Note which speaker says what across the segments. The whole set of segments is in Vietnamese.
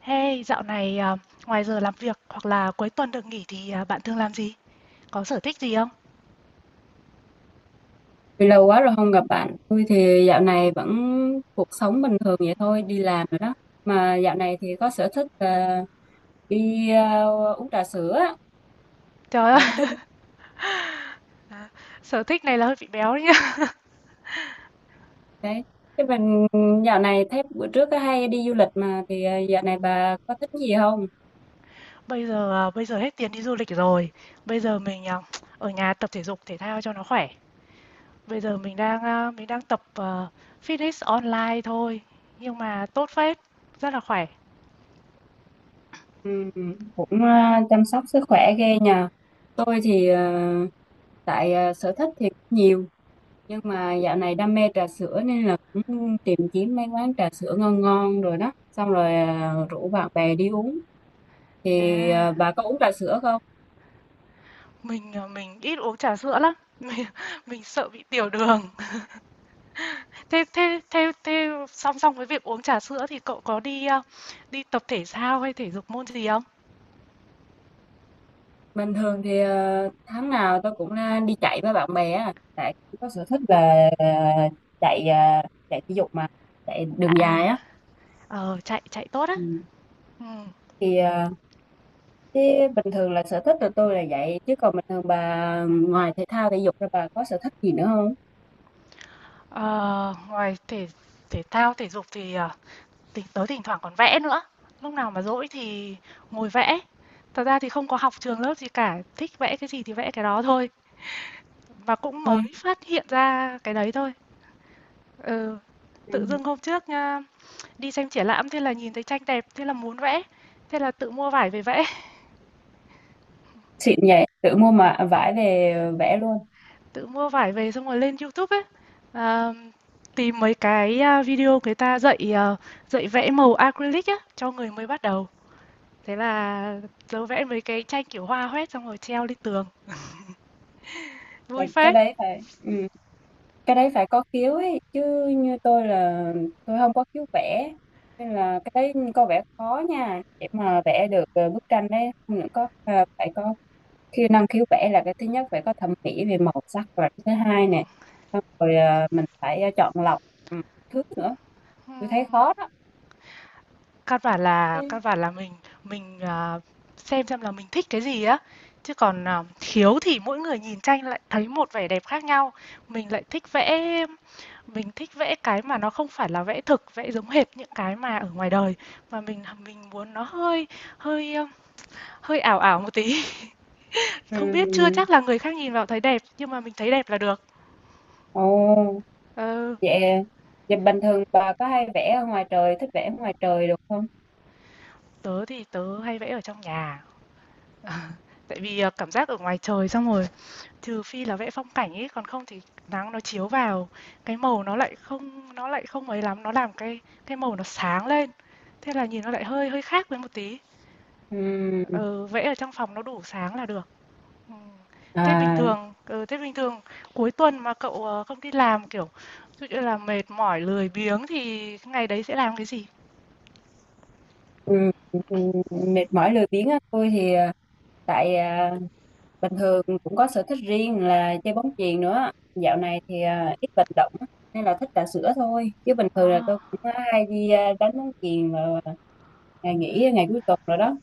Speaker 1: Hey, dạo này ngoài giờ làm việc hoặc là cuối tuần được nghỉ thì bạn thường làm gì? Có sở thích gì không?
Speaker 2: Vì lâu quá rồi không gặp bạn, tôi thì dạo này vẫn cuộc sống bình thường vậy thôi, đi làm rồi đó. Mà dạo này thì có sở thích là đi uống trà sữa, á.
Speaker 1: Trời ơi,
Speaker 2: Bà có thích uống
Speaker 1: sở thích này là hơi bị béo đấy nhá.
Speaker 2: cái chứ mình dạo này thấy bữa trước có hay đi du lịch mà thì dạo này bà có thích gì không?
Speaker 1: Bây giờ à, bây giờ hết tiền đi du lịch rồi. Bây giờ mình à, Ở nhà tập thể dục thể thao cho nó khỏe. Bây giờ mình đang à, Mình đang tập fitness online thôi, nhưng mà tốt phết, rất là khỏe.
Speaker 2: Ừ, cũng chăm sóc sức khỏe ghê nhờ. Tôi thì tại sở thích thì cũng nhiều nhưng mà dạo này đam mê trà sữa nên là cũng tìm kiếm mấy quán trà sữa ngon ngon rồi đó, xong rồi rủ bạn bè đi uống. Thì
Speaker 1: À,
Speaker 2: bà có uống trà sữa không?
Speaker 1: mình ít uống trà sữa lắm. Mình, mình sợ bị tiểu đường. Thế thế thế thế song song với việc uống trà sữa thì cậu có đi tập thể thao hay thể dục môn gì không?
Speaker 2: Bình thường thì tháng nào tôi cũng đi chạy với bạn bè á, tại có sở thích là chạy chạy thể dục, mà chạy đường dài
Speaker 1: À,
Speaker 2: á.
Speaker 1: ờ, chạy chạy tốt á.
Speaker 2: Ừ.
Speaker 1: Ừm,
Speaker 2: Thì thế bình thường là sở thích của tôi là vậy, chứ còn bình thường bà ngoài thể thao thể dục ra, bà có sở thích gì nữa không?
Speaker 1: ờ, ngoài thể thể thao, thể dục thì, ờ, thỉnh thoảng còn vẽ nữa. Lúc nào mà rỗi thì ngồi vẽ. Thật ra thì không có học trường lớp gì cả, thích vẽ cái gì thì vẽ cái đó thôi, và cũng
Speaker 2: Quên.
Speaker 1: mới phát hiện ra cái đấy thôi. Ừ, tự dưng hôm trước đi xem triển lãm, thế là nhìn thấy tranh đẹp, thế là muốn vẽ, thế là tự mua vải về vẽ.
Speaker 2: Xịn nhỉ, tự mua mà vải về vẽ luôn.
Speaker 1: Tự mua vải về xong rồi lên YouTube ấy, à, tìm mấy cái video người ta dạy, ờ, dạy vẽ màu acrylic á, cho người mới bắt đầu. Thế là tớ vẽ mấy cái tranh kiểu hoa hoét xong rồi treo lên tường, vui
Speaker 2: Cái
Speaker 1: phết.
Speaker 2: đấy phải ừ. Cái đấy phải có khiếu ấy chứ, như tôi là tôi không có khiếu vẽ, nên là cái đấy có vẻ khó nha để mà vẽ được bức tranh đấy. Không những có phải có năng khiếu vẽ là cái thứ nhất, phải có thẩm mỹ về màu sắc và cái thứ hai nè, xong rồi mình phải chọn lọc. Ừ, thứ nữa tôi
Speaker 1: Ừm,
Speaker 2: thấy khó đó.
Speaker 1: căn bản là mình xem là mình thích cái gì á, chứ còn, à, khiếu thì mỗi người nhìn tranh lại thấy một vẻ đẹp khác nhau. Mình lại thích vẽ Mình thích vẽ cái mà nó không phải là vẽ thực, vẽ giống hệt những cái mà ở ngoài đời, mà mình muốn nó hơi hơi, ơ, hơi ảo ảo một tí.
Speaker 2: Ừ.
Speaker 1: Không biết, chưa chắc là người khác nhìn vào thấy đẹp, nhưng mà mình thấy đẹp là được.
Speaker 2: Ồ.
Speaker 1: Ừ,
Speaker 2: Vậy, vậy, bình thường bà có hay vẽ ở ngoài trời, thích vẽ ở ngoài trời được không?
Speaker 1: tớ hay vẽ ở trong nhà, tại vì, ờ, cảm giác ở ngoài trời xong rồi, trừ phi là vẽ phong cảnh ấy, còn không thì nắng nó chiếu vào, cái màu nó lại không ấy lắm, nó làm cái màu nó sáng lên, thế là nhìn nó lại hơi hơi khác với một tí.
Speaker 2: Ừm,
Speaker 1: Ừ, vẽ ở trong phòng nó đủ sáng là được. Ừm. Thế bình
Speaker 2: à,
Speaker 1: thường ừ, thế bình thường cuối tuần mà cậu, ờ, không đi làm, kiểu, ví dụ như là mệt mỏi, lười biếng thì cái ngày đấy sẽ làm cái gì?
Speaker 2: ừm, ừm, mệt mỏi lười biếng á, tôi thì tại bình thường cũng có sở thích riêng là chơi bóng chuyền nữa. Dạo này thì ít vận động á, nên là thích trà sữa thôi. Chứ bình thường là
Speaker 1: Ờ,
Speaker 2: tôi cũng hay đi đánh bóng chuyền vào ngày nghỉ, ngày cuối tuần rồi đó.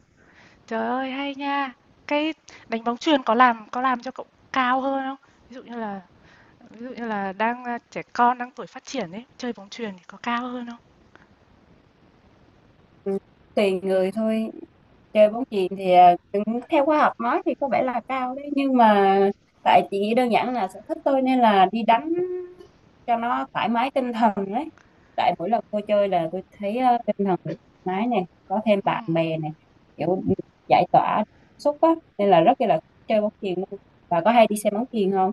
Speaker 1: trời ơi, hay nha! Cái đánh bóng chuyền có làm cho cậu cao hơn không? Ví dụ như là Ví dụ như là trẻ con đang tuổi phát triển ấy, chơi bóng chuyền thì có cao hơn không?
Speaker 2: Ừ, tùy người thôi. Chơi bóng chuyền thì cũng theo khoa học nói thì có vẻ là cao đấy, nhưng mà tại chị nghĩ đơn giản là sở thích tôi nên là đi đánh cho nó thoải mái tinh thần đấy. Tại mỗi lần tôi chơi là tôi thấy tinh thần thoải mái này, có thêm bạn
Speaker 1: Ừm.
Speaker 2: bè này, kiểu giải tỏa cảm xúc á, nên là rất là thích chơi bóng chuyền luôn. Và có hay đi xem bóng chuyền không?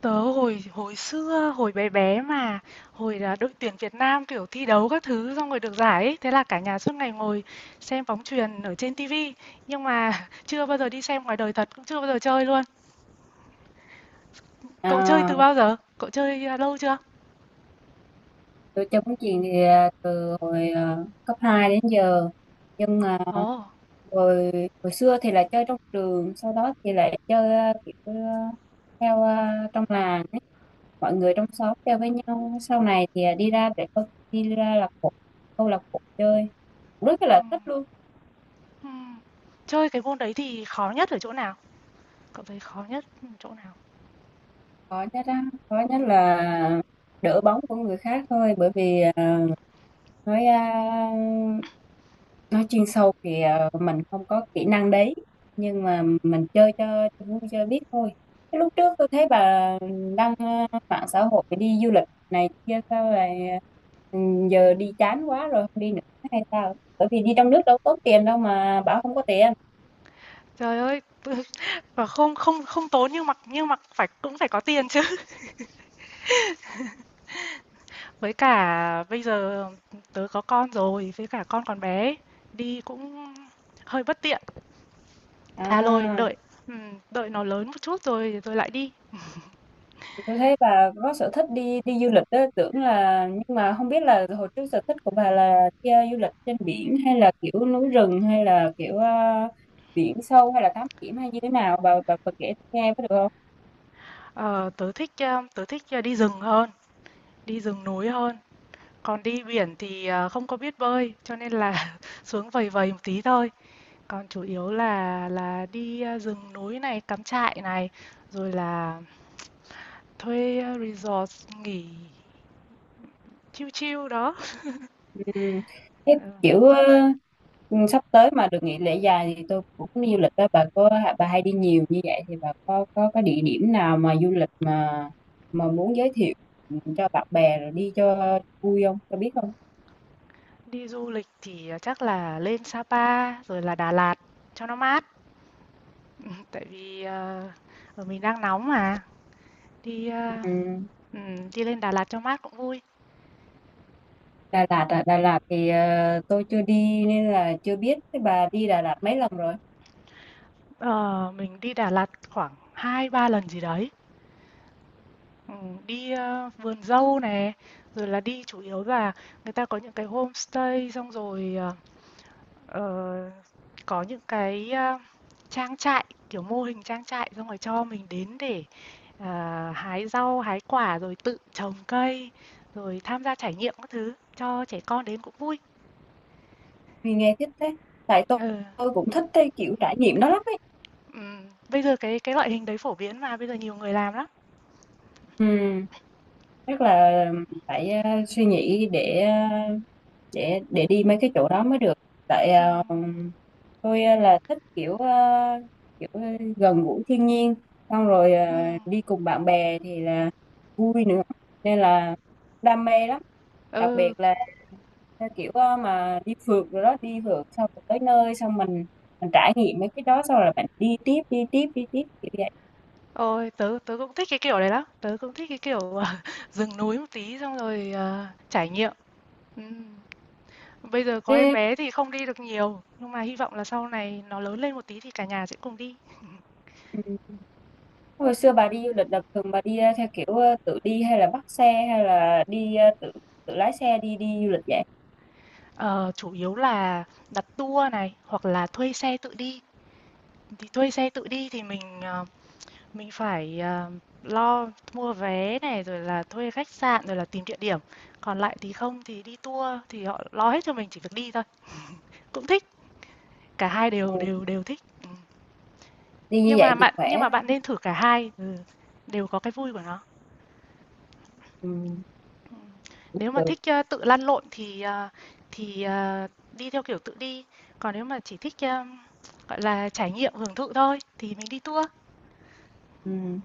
Speaker 1: Tớ hồi hồi xưa, hồi bé bé mà, hồi là đội tuyển Việt Nam, kiểu, thi đấu các thứ xong rồi được giải ấy, thế là cả nhà suốt ngày ngồi xem bóng chuyền ở trên ti, nhưng mà chưa bao giờ đi xem ngoài đời thật, cũng chưa bao giờ chơi luôn. Cậu chơi
Speaker 2: à,
Speaker 1: từ bao giờ? Lâu chưa?
Speaker 2: tôi chơi bóng chuyền thì từ hồi cấp 2 đến giờ, nhưng mà
Speaker 1: Ồ,
Speaker 2: hồi hồi xưa thì là chơi trong trường, sau đó thì lại chơi kiểu theo trong làng ấy. Mọi người trong xóm chơi với nhau, sau này thì đi ra là câu lạc bộ chơi, rất là
Speaker 1: ừm,
Speaker 2: thích luôn.
Speaker 1: ừm. Chơi cái môn đấy thì khó nhất ở chỗ nào? Cậu thấy khó nhất chỗ nào?
Speaker 2: Khó nhất á, khó nhất
Speaker 1: Ừm.
Speaker 2: là đỡ bóng của người khác thôi, bởi vì nói à, nói chuyên sâu thì mình không có kỹ năng đấy, nhưng mà mình chơi cho vui, chơi biết thôi. Cái lúc trước tôi thấy bà đăng mạng xã hội đi du lịch này kia sao lại ừ, giờ đi chán quá rồi không đi nữa hay sao? Bởi vì đi trong nước đâu có tốn tiền đâu mà bảo không có tiền
Speaker 1: Trời ơi, và không không không tốn, nhưng mà phải cũng phải có tiền chứ. Với cả bây giờ tớ có con rồi, với cả con còn bé, đi cũng hơi bất tiện. À rồi,
Speaker 2: à.
Speaker 1: đợi đợi nó lớn một chút rồi rồi lại đi.
Speaker 2: Tôi thấy bà có sở thích đi đi du lịch đó, tưởng là, nhưng mà không biết là hồi trước sở thích của bà là đi du lịch trên biển hay là kiểu núi rừng hay là kiểu biển sâu hay là thám hiểm hay như thế nào, bà kể tôi nghe có được không?
Speaker 1: Ờ, tớ thích, ờ, đi rừng hơn, đi rừng núi hơn. Còn đi biển thì ờ, không có biết bơi, cho nên là xuống vầy vầy một tí thôi. Còn chủ yếu là đi ờ, rừng núi này, cắm trại này, rồi là thuê ờ, resort nghỉ chill chill đó.
Speaker 2: Ừm. Thế
Speaker 1: Ừ,
Speaker 2: kiểu ờ, sắp tới mà được nghỉ lễ dài thì tôi cũng đi du lịch đó. Bà hay đi nhiều như vậy thì bà có cái địa điểm nào mà du lịch mà muốn giới thiệu cho bạn bè rồi đi cho vui không? Cho biết không?
Speaker 1: đi du lịch thì, à, chắc là lên Sapa rồi là Đà Lạt cho nó mát. Tại vì, mình đang nóng mà, đi, a,
Speaker 2: Ừ.
Speaker 1: đi lên Đà Lạt cho mát cũng vui.
Speaker 2: Đà Lạt à, Đà Lạt thì tôi chưa đi nên là chưa biết. Thế bà đi Đà Lạt mấy lần rồi?
Speaker 1: Ờ, mình đi Đà Lạt khoảng hai ba lần gì đấy. Vườn dâu này, rồi là đi chủ yếu là người ta có những cái homestay xong rồi, ờ, có những trang trại, kiểu, mô hình trang trại xong rồi cho mình đến để ờ, hái rau, hái quả rồi tự trồng cây, rồi tham gia trải nghiệm các thứ cho trẻ con đến cũng vui.
Speaker 2: Vì nghe thích thế. Tại tôi,
Speaker 1: Ừ.
Speaker 2: tôi cũng thích cái kiểu trải nghiệm đó lắm ấy.
Speaker 1: Ừm, bây giờ cái loại hình đấy phổ biến mà bây giờ nhiều người làm lắm.
Speaker 2: Ừ, chắc là phải suy nghĩ để đi mấy cái chỗ đó mới được. Tại
Speaker 1: Ừm,
Speaker 2: tôi là thích kiểu, gần gũi thiên nhiên, xong rồi
Speaker 1: ừm.
Speaker 2: đi cùng bạn bè thì là vui nữa, nên là đam mê lắm. Đặc biệt
Speaker 1: Ừ,
Speaker 2: là theo kiểu mà đi phượt rồi đó, đi phượt xong rồi tới nơi xong mình trải nghiệm mấy cái đó, xong rồi bạn đi tiếp đi tiếp đi tiếp kiểu vậy.
Speaker 1: ôi tớ tớ cũng thích cái kiểu đấy lắm. Tớ cũng thích cái kiểu ờ, rừng núi một tí xong rồi ờ, trải nghiệm. Ừm. Bây giờ có em
Speaker 2: Thế
Speaker 1: bé thì không đi được nhiều, nhưng mà hy vọng là sau này nó lớn lên một tí thì cả nhà sẽ cùng đi.
Speaker 2: ừ, hồi xưa bà đi du lịch là thường bà đi theo kiểu tự đi hay là bắt xe hay là đi tự tự lái xe đi đi du lịch vậy?
Speaker 1: Ờ, chủ yếu là đặt tour này hoặc là thuê xe tự đi. Thì thuê xe tự đi thì mình, ờ, mình phải, ờ, lo mua vé này, rồi là thuê khách sạn, rồi là tìm địa điểm. Còn lại thì không thì đi tour thì họ lo hết cho mình, chỉ việc đi thôi. Cũng thích, cả hai đều
Speaker 2: Ừ.
Speaker 1: đều đều thích. Ừm.
Speaker 2: Đi như vậy thì
Speaker 1: Nhưng
Speaker 2: khỏe.
Speaker 1: mà bạn nên thử cả hai, ừ, đều có cái vui của nó.
Speaker 2: Ừ.
Speaker 1: Ừm.
Speaker 2: Cũng
Speaker 1: Nếu mà
Speaker 2: được.
Speaker 1: thích, ơ, tự lăn lộn thì, ờ, đi theo kiểu tự đi, còn nếu mà chỉ thích, ơ, gọi là trải nghiệm hưởng thụ thôi thì mình đi tour.
Speaker 2: Ừ.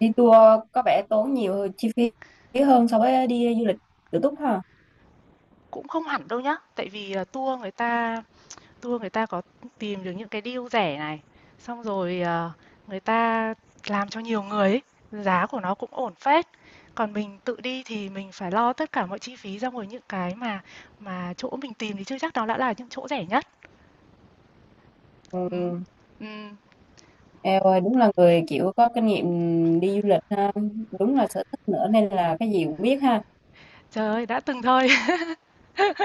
Speaker 2: Đi tour có vẻ tốn nhiều chi phí hơn so với đi du lịch tự túc ha.
Speaker 1: Cũng không hẳn đâu nhá, tại vì, ờ, tour người ta có tìm được những cái deal rẻ này, xong rồi, ờ, người ta làm cho nhiều người ấy, giá của nó cũng ổn phết. Còn mình tự đi thì mình phải lo tất cả mọi chi phí, ra ngoài những cái mà chỗ mình tìm thì chưa chắc đó đã là những chỗ rẻ nhất. Ừm,
Speaker 2: Ừ.
Speaker 1: ừm,
Speaker 2: Eo ơi, đúng là người kiểu có kinh nghiệm đi du lịch ha, đúng là sở thích nữa nên là cái gì cũng biết ha.
Speaker 1: trời ơi, đã từng thôi.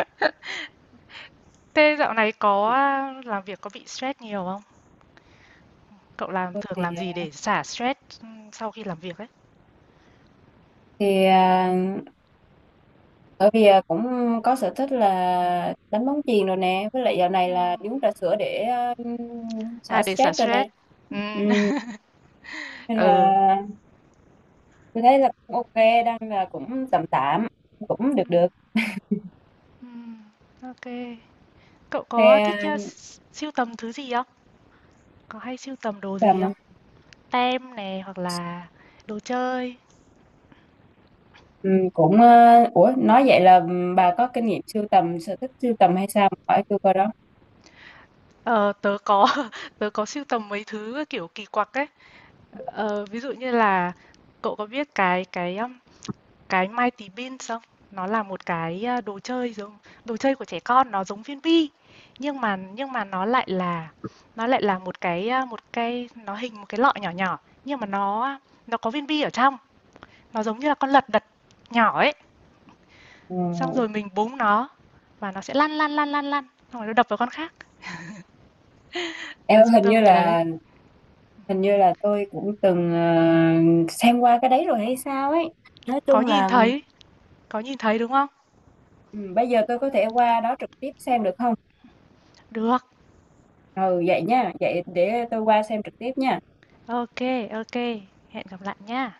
Speaker 1: Thế dạo này có, ờ, làm việc có bị stress nhiều không? Cậu làm
Speaker 2: Tôi
Speaker 1: thường
Speaker 2: thì
Speaker 1: làm gì để xả stress, sau khi làm việc ấy?
Speaker 2: thì à, bởi vì cũng có sở thích là đánh bóng chuyền rồi nè, với lại dạo này
Speaker 1: Ừm,
Speaker 2: là đi uống trà sữa để
Speaker 1: à,
Speaker 2: xả
Speaker 1: để xả
Speaker 2: stress rồi nè.
Speaker 1: stress. Ừm.
Speaker 2: Ừm, nên
Speaker 1: Ừ.
Speaker 2: là tôi thấy là cũng ok, đang là cũng tạm tạm, cũng được được.
Speaker 1: Ừm, OK. Cậu
Speaker 2: Thì
Speaker 1: có thích, ơ, sưu tầm thứ gì không? Có hay sưu tầm đồ gì
Speaker 2: tầm à,
Speaker 1: không? Tem này hoặc là đồ chơi?
Speaker 2: cũng ủa, nói vậy là bà có kinh nghiệm sưu tầm, sở thích sưu tầm hay sao? Hỏi tôi coi đó.
Speaker 1: Ờ, tớ có tớ có sưu tầm mấy thứ, ờ, kiểu, kỳ quặc ấy. Ờ, ví dụ như là cậu có biết cái Mighty Beanz không? Nó là một đồ chơi giống đồ chơi của trẻ con, nó giống viên bi, nhưng mà nó lại là một một cái, nó hình một cái lọ nhỏ nhỏ, nhưng mà nó có viên bi ở trong. Nó giống như là con lật đật nhỏ ấy,
Speaker 2: Ừ.
Speaker 1: xong rồi mình búng nó và nó sẽ lăn lăn lăn lăn lăn, xong rồi nó đập vào con khác.
Speaker 2: Em
Speaker 1: Tớ
Speaker 2: ơi,
Speaker 1: sưu
Speaker 2: hình như
Speaker 1: tầm cái đấy.
Speaker 2: là hình như là tôi cũng từng xem qua cái đấy rồi hay sao ấy. Nói
Speaker 1: Có
Speaker 2: chung
Speaker 1: nhìn
Speaker 2: là
Speaker 1: thấy, có nhìn thấy đúng không?
Speaker 2: ừ, bây giờ tôi có thể qua đó trực tiếp xem được không?
Speaker 1: Được.
Speaker 2: Ừ vậy nha, vậy để tôi qua xem trực tiếp nha.
Speaker 1: Ok, ok. Hẹn gặp lại nha.